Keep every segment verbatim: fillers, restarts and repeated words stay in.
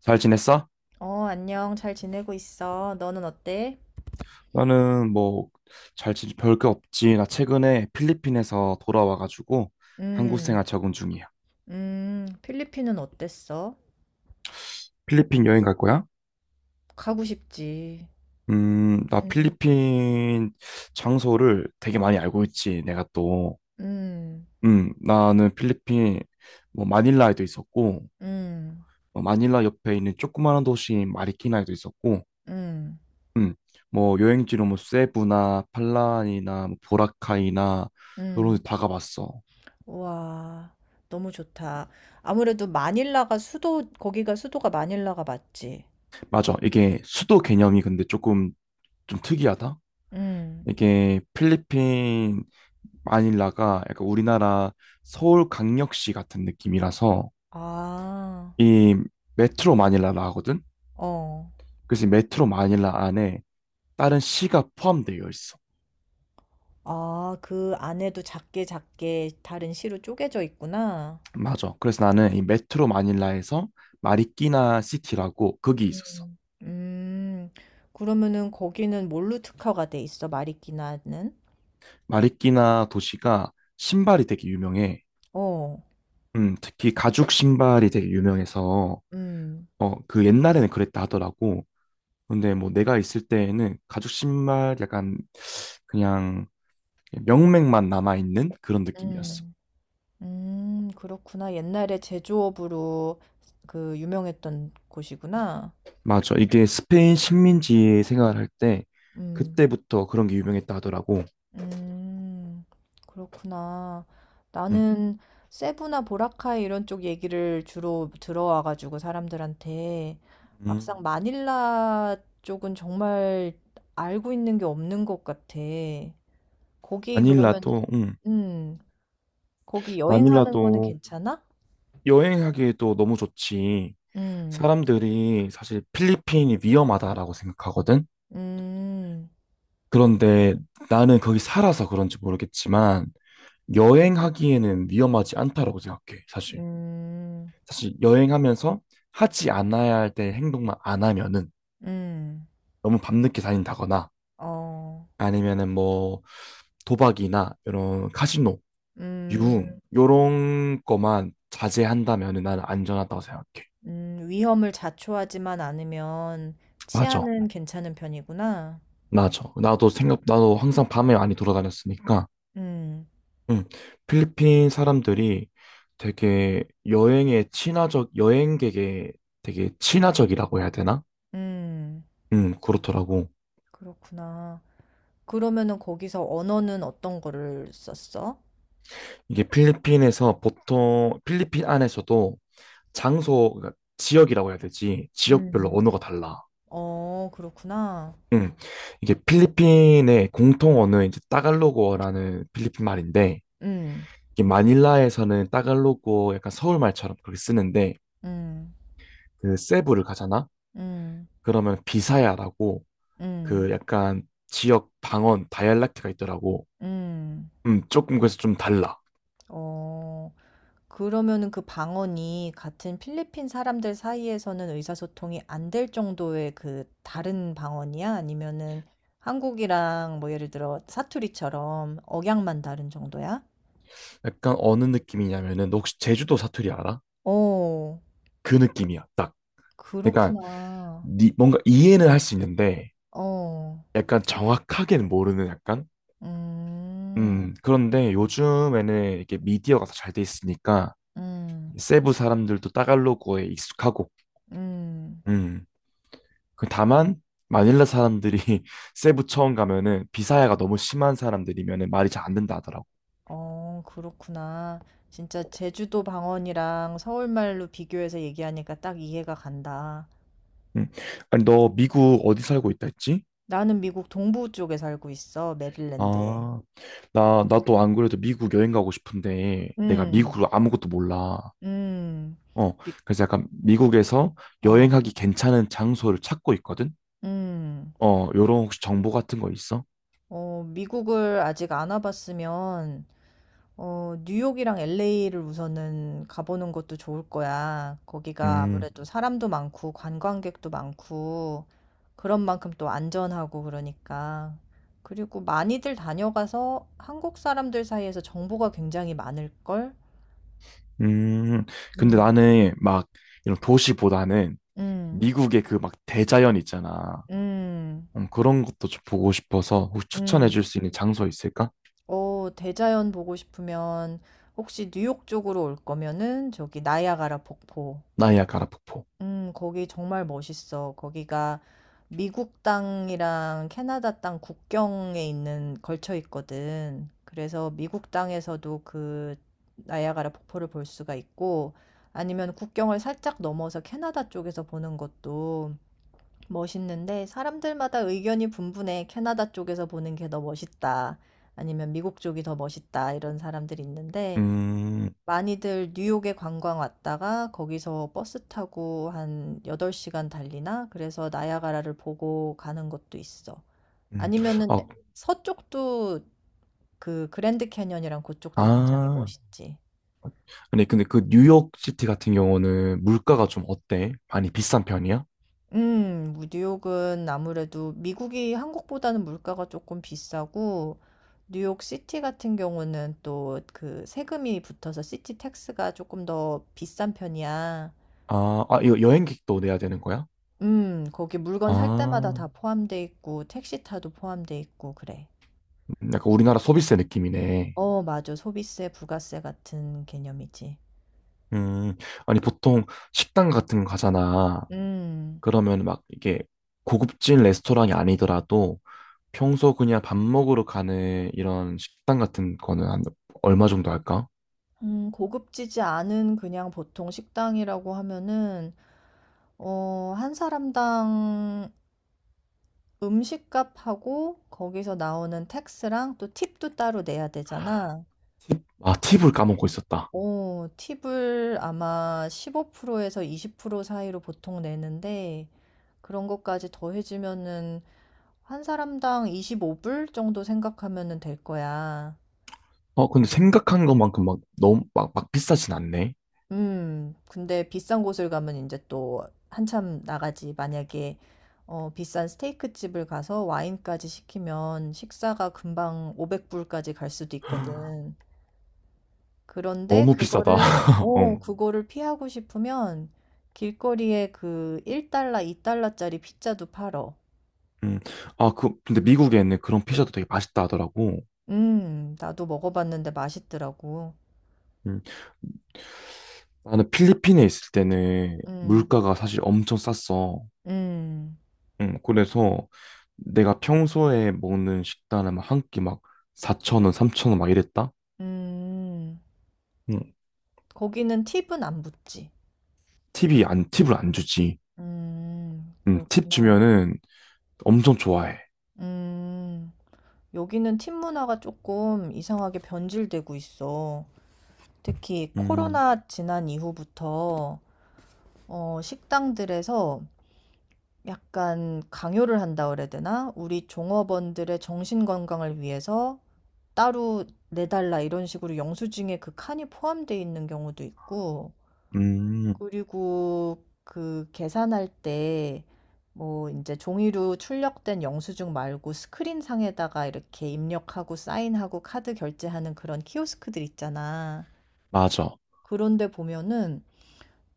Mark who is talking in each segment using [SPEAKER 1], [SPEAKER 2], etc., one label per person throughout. [SPEAKER 1] 잘 지냈어?
[SPEAKER 2] 어, 안녕. 잘 지내고 있어. 너는 어때?
[SPEAKER 1] 나는 뭐 잘 지내 별게 없지. 나 최근에 필리핀에서 돌아와가지고 한국
[SPEAKER 2] 음.
[SPEAKER 1] 생활 적응 중이야.
[SPEAKER 2] 음. 필리핀은 어땠어?
[SPEAKER 1] 필리핀 여행 갈 거야?
[SPEAKER 2] 가고 싶지.
[SPEAKER 1] 음, 나
[SPEAKER 2] 음.
[SPEAKER 1] 필리핀 장소를 되게 많이 알고 있지. 내가 또,
[SPEAKER 2] 음.
[SPEAKER 1] 음, 나는 필리핀 뭐 마닐라에도 있었고,
[SPEAKER 2] 음.
[SPEAKER 1] 어, 마닐라 옆에 있는 조그마한 도시인 마리키나에도 있었고,
[SPEAKER 2] 음.
[SPEAKER 1] 음, 뭐 여행지로 뭐 세부나 팔란이나 뭐 보라카이나 이런
[SPEAKER 2] 음.
[SPEAKER 1] 데 다 가봤어.
[SPEAKER 2] 와, 너무 좋다. 아무래도 마닐라가 수도, 거기가 수도가 마닐라가 맞지?
[SPEAKER 1] 맞아. 이게 수도 개념이 근데 조금 좀 특이하다.
[SPEAKER 2] 음.
[SPEAKER 1] 이게 필리핀 마닐라가 약간 우리나라 서울 강력시 같은 느낌이라서
[SPEAKER 2] 아.
[SPEAKER 1] 이 메트로 마닐라라 하거든.
[SPEAKER 2] 어.
[SPEAKER 1] 그래서 이 메트로 마닐라 안에 다른 시가 포함되어 있어.
[SPEAKER 2] 아, 그 안에도 작게 작게 다른 시로 쪼개져 있구나.
[SPEAKER 1] 맞아. 그래서 나는 이 메트로 마닐라에서 마리끼나 시티라고 거기 있었어.
[SPEAKER 2] 음. 음, 그러면은 거기는 뭘로 특화가 돼 있어? 마리끼나는?
[SPEAKER 1] 마리끼나 도시가 신발이 되게 유명해.
[SPEAKER 2] 어.
[SPEAKER 1] 음, 특히 가죽 신발이 되게 유명해서
[SPEAKER 2] 음.
[SPEAKER 1] 어, 그 옛날에는 그랬다 하더라고. 근데 뭐 내가 있을 때에는 가죽 신발 약간 그냥 명맥만 남아있는 그런 느낌이었어.
[SPEAKER 2] 음. 음, 그렇구나. 옛날에 제조업으로 그 유명했던 곳이구나.
[SPEAKER 1] 맞아. 이게 스페인 식민지 생활할 때
[SPEAKER 2] 음.
[SPEAKER 1] 그때부터 그런 게 유명했다 하더라고.
[SPEAKER 2] 음, 그렇구나.
[SPEAKER 1] 응.
[SPEAKER 2] 나는 세부나 보라카이 이런 쪽 얘기를 주로 들어와가지고 사람들한테
[SPEAKER 1] 음.
[SPEAKER 2] 막상 마닐라 쪽은 정말 알고 있는 게 없는 것 같아. 거기
[SPEAKER 1] 마닐라도,
[SPEAKER 2] 그러면은
[SPEAKER 1] 응.
[SPEAKER 2] 음. 거기 여행하는 거는
[SPEAKER 1] 마닐라도
[SPEAKER 2] 괜찮아?
[SPEAKER 1] 여행하기에도 너무 좋지.
[SPEAKER 2] 음.
[SPEAKER 1] 사람들이 사실 필리핀이 위험하다라고 생각하거든.
[SPEAKER 2] 음.
[SPEAKER 1] 그런데 나는 거기 살아서 그런지 모르겠지만 여행하기에는 위험하지 않다라고 생각해, 사실.
[SPEAKER 2] 음.
[SPEAKER 1] 사실 여행하면서 하지 않아야 할 때 행동만 안 하면은
[SPEAKER 2] 음.
[SPEAKER 1] 너무 밤늦게 다닌다거나
[SPEAKER 2] 어.
[SPEAKER 1] 아니면은 뭐 도박이나 이런 카지노, 유흥
[SPEAKER 2] 음.
[SPEAKER 1] 요런 거만 자제한다면은 나는 안전하다고 생각해.
[SPEAKER 2] 음. 위험을 자초하지만 않으면
[SPEAKER 1] 맞아.
[SPEAKER 2] 치안은 괜찮은 편이구나.
[SPEAKER 1] 맞아. 나도 생각 나도 항상 밤에 많이 돌아다녔으니까.
[SPEAKER 2] 음.
[SPEAKER 1] 응. 필리핀 사람들이 되게 여행에 친화적 여행객에 되게 친화적이라고 해야 되나?
[SPEAKER 2] 음,
[SPEAKER 1] 응, 그렇더라고.
[SPEAKER 2] 그렇구나. 그러면은 거기서 언어는 어떤 거를 썼어?
[SPEAKER 1] 이게 필리핀에서 보통 필리핀 안에서도 장소 그러니까 지역이라고 해야 되지 지역별로
[SPEAKER 2] 음.
[SPEAKER 1] 언어가 달라.
[SPEAKER 2] 어, 그렇구나.
[SPEAKER 1] 음, 이게 필리핀의 공통 언어는 이제 따갈로그어라는 필리핀 말인데
[SPEAKER 2] 음.
[SPEAKER 1] 이게 마닐라에서는 따갈로그어 약간 서울 말처럼 그렇게 쓰는데
[SPEAKER 2] 음.
[SPEAKER 1] 그 세부를 가잖아.
[SPEAKER 2] 음.
[SPEAKER 1] 그러면 비사야라고
[SPEAKER 2] 음.
[SPEAKER 1] 그 약간 지역 방언 다이알렉트가 있더라고.
[SPEAKER 2] 음.
[SPEAKER 1] 음, 조금 그래서 좀 달라.
[SPEAKER 2] 어. 그러면은 그 방언이 같은 필리핀 사람들 사이에서는 의사소통이 안 될 정도의 그 다른 방언이야? 아니면은 한국이랑 뭐 예를 들어 사투리처럼 억양만 다른 정도야?
[SPEAKER 1] 약간 어느 느낌이냐면은 너 혹시 제주도 사투리 알아?
[SPEAKER 2] 어,
[SPEAKER 1] 그 느낌이야, 딱. 그러니까
[SPEAKER 2] 그렇구나.
[SPEAKER 1] 니- 뭔가 이해는 할 수 있는데
[SPEAKER 2] 어.
[SPEAKER 1] 약간 정확하게는 모르는 약간
[SPEAKER 2] 음.
[SPEAKER 1] 음 그런데 요즘에는 이렇게 미디어가 더 잘 돼 있으니까
[SPEAKER 2] 음.
[SPEAKER 1] 세부 사람들도 따갈로그에 익숙하고
[SPEAKER 2] 음.
[SPEAKER 1] 음그 다만 마닐라 사람들이 세부 처음 가면은 비사야가 너무 심한 사람들이면은 말이 잘 안 된다 하더라고.
[SPEAKER 2] 어, 그렇구나. 진짜 제주도 방언이랑 서울말로 비교해서 얘기하니까 딱 이해가 간다.
[SPEAKER 1] 음 아니, 너 미국 어디 살고 있다 했지?
[SPEAKER 2] 나는 미국 동부 쪽에 살고 있어, 메릴랜드에.
[SPEAKER 1] 아, 나, 나도 안 그래도 미국 여행 가고 싶은데 내가
[SPEAKER 2] 음.
[SPEAKER 1] 미국으로 아무것도 몰라.
[SPEAKER 2] 음.
[SPEAKER 1] 어,
[SPEAKER 2] 미
[SPEAKER 1] 그래서 약간 미국에서
[SPEAKER 2] 어.
[SPEAKER 1] 여행하기 괜찮은 장소를 찾고 있거든?
[SPEAKER 2] 음.
[SPEAKER 1] 어, 요런 혹시 정보 같은 거 있어?
[SPEAKER 2] 어, 미국을 아직 안 와 봤으면 어, 뉴욕이랑 엘에이를 우선은 가보는 것도 좋을 거야. 거기가
[SPEAKER 1] 음.
[SPEAKER 2] 아무래도 사람도 많고 관광객도 많고 그런 만큼 또 안전하고 그러니까. 그리고 많이들 다녀가서 한국 사람들 사이에서 정보가 굉장히 많을 걸?
[SPEAKER 1] 음. 근데
[SPEAKER 2] 음.
[SPEAKER 1] 나는 막 이런 도시보다는
[SPEAKER 2] 음.
[SPEAKER 1] 미국의 그 막 대자연 있잖아.
[SPEAKER 2] 음.
[SPEAKER 1] 음, 그런 것도 좀 보고 싶어서 혹시 추천해
[SPEAKER 2] 음.
[SPEAKER 1] 줄 수 있는 장소 있을까?
[SPEAKER 2] 어, 대자연 보고 싶으면 혹시 뉴욕 쪽으로 올 거면은 저기 나이아가라 폭포.
[SPEAKER 1] 나이아가라 폭포.
[SPEAKER 2] 음, 거기 정말 멋있어. 거기가 미국 땅이랑 캐나다 땅 국경에 있는 걸쳐 있거든. 그래서 미국 땅에서도 그 나이아가라 폭포를 볼 수가 있고 아니면 국경을 살짝 넘어서 캐나다 쪽에서 보는 것도 멋있는데 사람들마다 의견이 분분해. 캐나다 쪽에서 보는 게 더 멋있다. 아니면 미국 쪽이 더 멋있다. 이런 사람들이 있는데
[SPEAKER 1] 음.
[SPEAKER 2] 많이들 뉴욕에 관광 왔다가 거기서 버스 타고 한 여덟 시간 달리나? 그래서 나야가라를 보고 가는 것도 있어. 음.
[SPEAKER 1] 음.
[SPEAKER 2] 아니면은 에-
[SPEAKER 1] 어.
[SPEAKER 2] 서쪽도 그 그랜드 캐니언이랑 그쪽도 굉장히
[SPEAKER 1] 아.
[SPEAKER 2] 멋있지.
[SPEAKER 1] 근데, 근데 그 뉴욕 시티 같은 경우는 물가가 좀 어때? 많이 비싼 편이야?
[SPEAKER 2] 음. 뭐 뉴욕은 아무래도 미국이 한국보다는 물가가 조금 비싸고 뉴욕 시티 같은 경우는 또 그 세금이 붙어서 시티 택스가 조금 더 비싼 편이야.
[SPEAKER 1] 아, 아, 이거 여행객도 내야 되는 거야?
[SPEAKER 2] 음. 거기 물건 살 때마다
[SPEAKER 1] 아.
[SPEAKER 2] 다 포함돼 있고 택시 타도 포함돼 있고 그래.
[SPEAKER 1] 음, 약간 우리나라 소비세 느낌이네.
[SPEAKER 2] 어, 맞아. 소비세, 부가세 같은 개념이지.
[SPEAKER 1] 음. 아니, 보통 식당 같은 거 가잖아.
[SPEAKER 2] 음.
[SPEAKER 1] 그러면 막 이게 고급진 레스토랑이 아니더라도 평소 그냥 밥 먹으러 가는 이런 식당 같은 거는 한 얼마 정도 할까?
[SPEAKER 2] 음, 고급지지 않은 그냥 보통 식당이라고 하면은 어, 한 사람당 음식값하고 거기서 나오는 택스랑 또 팁도 따로 내야 되잖아.
[SPEAKER 1] 팁? 아, 팁을 까먹고 있었다.
[SPEAKER 2] 어, 팁을 아마 십오 프로에서 이십 프로 사이로 보통 내는데 그런 것까지 더해지면은 한 사람당 이십오 불 정도 생각하면은 될 거야.
[SPEAKER 1] 어, 근데 생각한 것만큼 막 너무 막, 막 비싸진 않네.
[SPEAKER 2] 음, 근데 비싼 곳을 가면 이제 또 한참 나가지. 만약에 어, 비싼 스테이크 집을 가서 와인까지 시키면 식사가 금방 오백 불까지 갈 수도 있거든. 그런데
[SPEAKER 1] 너무 비싸다.
[SPEAKER 2] 그거를
[SPEAKER 1] 어.
[SPEAKER 2] 어, 그거를 피하고 싶으면 길거리에 그 일 달러, 이 달러짜리 피자도 팔어.
[SPEAKER 1] 음. 아, 그, 근데 미국에는 그런 피자도 되게 맛있다 하더라고.
[SPEAKER 2] 음, 나도 먹어봤는데 맛있더라고.
[SPEAKER 1] 음. 나는 필리핀에 있을 때는
[SPEAKER 2] 음.
[SPEAKER 1] 물가가 사실 엄청 쌌어.
[SPEAKER 2] 음.
[SPEAKER 1] 음, 그래서 내가 평소에 먹는 식단은 막 한 끼 막 사천 원, 삼천 원 막 이랬다?
[SPEAKER 2] 음.
[SPEAKER 1] 음.
[SPEAKER 2] 거기는 팁은 안 붙지.
[SPEAKER 1] 팁이 안, 팁을 안 주지.
[SPEAKER 2] 음,
[SPEAKER 1] 음, 팁
[SPEAKER 2] 그렇구나.
[SPEAKER 1] 주면은 엄청 좋아해.
[SPEAKER 2] 음, 여기는 팁 문화가 조금 이상하게 변질되고 있어. 특히
[SPEAKER 1] 음.
[SPEAKER 2] 코로나 지난 이후부터 어, 식당들에서 약간 강요를 한다 그래야 되나? 우리 종업원들의 정신 건강을 위해서 따로 내달라 이런 식으로 영수증에 그 칸이 포함되어 있는 경우도 있고,
[SPEAKER 1] 음.
[SPEAKER 2] 그리고 그 계산할 때 뭐 이제 종이로 출력된 영수증 말고 스크린 상에다가 이렇게 입력하고 사인하고 카드 결제하는 그런 키오스크들 있잖아.
[SPEAKER 1] 맞아.
[SPEAKER 2] 그런데 보면은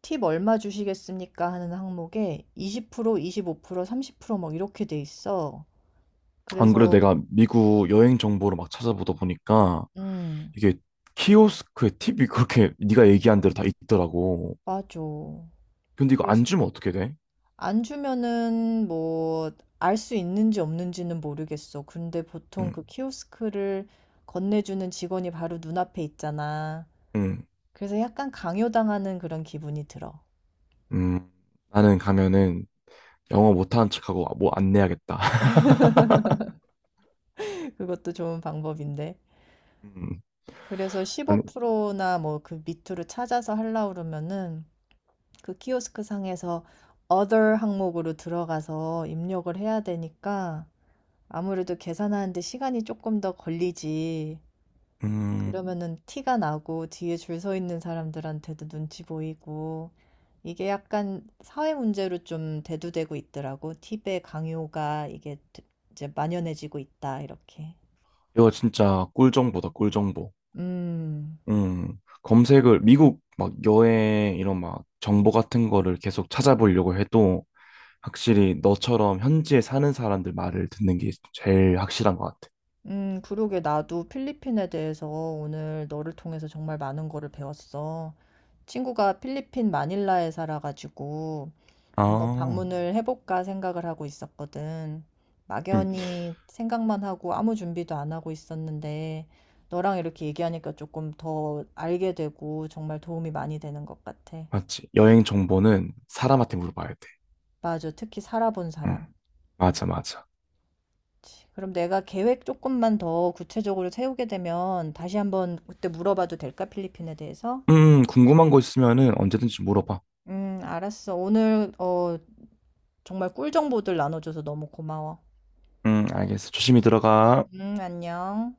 [SPEAKER 2] 팁 얼마 주시겠습니까 하는 항목에 이십 프로, 이십오 프로, 삼십 프로 막 이렇게 돼 있어.
[SPEAKER 1] 안 그래도
[SPEAKER 2] 그래서
[SPEAKER 1] 내가 미국 여행 정보를 막 찾아보다 보니까
[SPEAKER 2] 음,
[SPEAKER 1] 이게 키오스크에 팁이 그렇게 네가 얘기한 대로 다 있더라고.
[SPEAKER 2] 맞아.
[SPEAKER 1] 근데 이거 안
[SPEAKER 2] 그래서
[SPEAKER 1] 주면 어떻게 돼?
[SPEAKER 2] 안 주면은 뭐 알 수 있는지 없는지는 모르겠어. 근데 보통
[SPEAKER 1] 응.
[SPEAKER 2] 그 키오스크를 건네주는 직원이 바로 눈앞에 있잖아.
[SPEAKER 1] 응.
[SPEAKER 2] 그래서 약간 강요당하는 그런 기분이 들어.
[SPEAKER 1] 음. 나는 가면은 영어 못하는 척하고 뭐 안 내야겠다.
[SPEAKER 2] 그것도 좋은 방법인데.
[SPEAKER 1] 음.
[SPEAKER 2] 그래서
[SPEAKER 1] 아니.
[SPEAKER 2] 십오 프로나 뭐 그 밑으로 찾아서 하려고 그러면은 그 키오스크 상에서 other 항목으로 들어가서 입력을 해야 되니까 아무래도 계산하는데 시간이 조금 더 걸리지.
[SPEAKER 1] 음.
[SPEAKER 2] 그러면은 티가 나고 뒤에 줄 서 있는 사람들한테도 눈치 보이고 이게 약간 사회 문제로 좀 대두되고 있더라고. 팁의 강요가 이게 드 이제 만연해지고 있다 이렇게.
[SPEAKER 1] 이거 진짜 꿀정보다 꿀정보.
[SPEAKER 2] 음.
[SPEAKER 1] 음, 검색을 미국 막 여행 이런 막 정보 같은 거를 계속 찾아보려고 해도 확실히 너처럼 현지에 사는 사람들 말을 듣는 게 제일 확실한 것 같아.
[SPEAKER 2] 음, 그러게 나도 필리핀에 대해서 오늘 너를 통해서 정말 많은 거를 배웠어. 친구가 필리핀 마닐라에 살아 가지고 한번
[SPEAKER 1] 아.
[SPEAKER 2] 방문을 해볼까 생각을 하고 있었거든.
[SPEAKER 1] 음.
[SPEAKER 2] 막연히 생각만 하고 아무 준비도 안 하고 있었는데, 너랑 이렇게 얘기하니까 조금 더 알게 되고 정말 도움이 많이 되는 것 같아.
[SPEAKER 1] 맞지. 여행 정보는 사람한테 물어봐야 돼.
[SPEAKER 2] 맞아. 특히 살아본
[SPEAKER 1] 음.
[SPEAKER 2] 사람.
[SPEAKER 1] 맞아, 맞아.
[SPEAKER 2] 그치. 그럼 내가 계획 조금만 더 구체적으로 세우게 되면 다시 한번 그때 물어봐도 될까? 필리핀에 대해서?
[SPEAKER 1] 음, 궁금한 거 있으면은 언제든지 물어봐.
[SPEAKER 2] 음, 알았어. 오늘 어, 정말 꿀 정보들 나눠줘서 너무 고마워.
[SPEAKER 1] 음, 알겠어. 조심히 들어가.
[SPEAKER 2] 음, 안녕.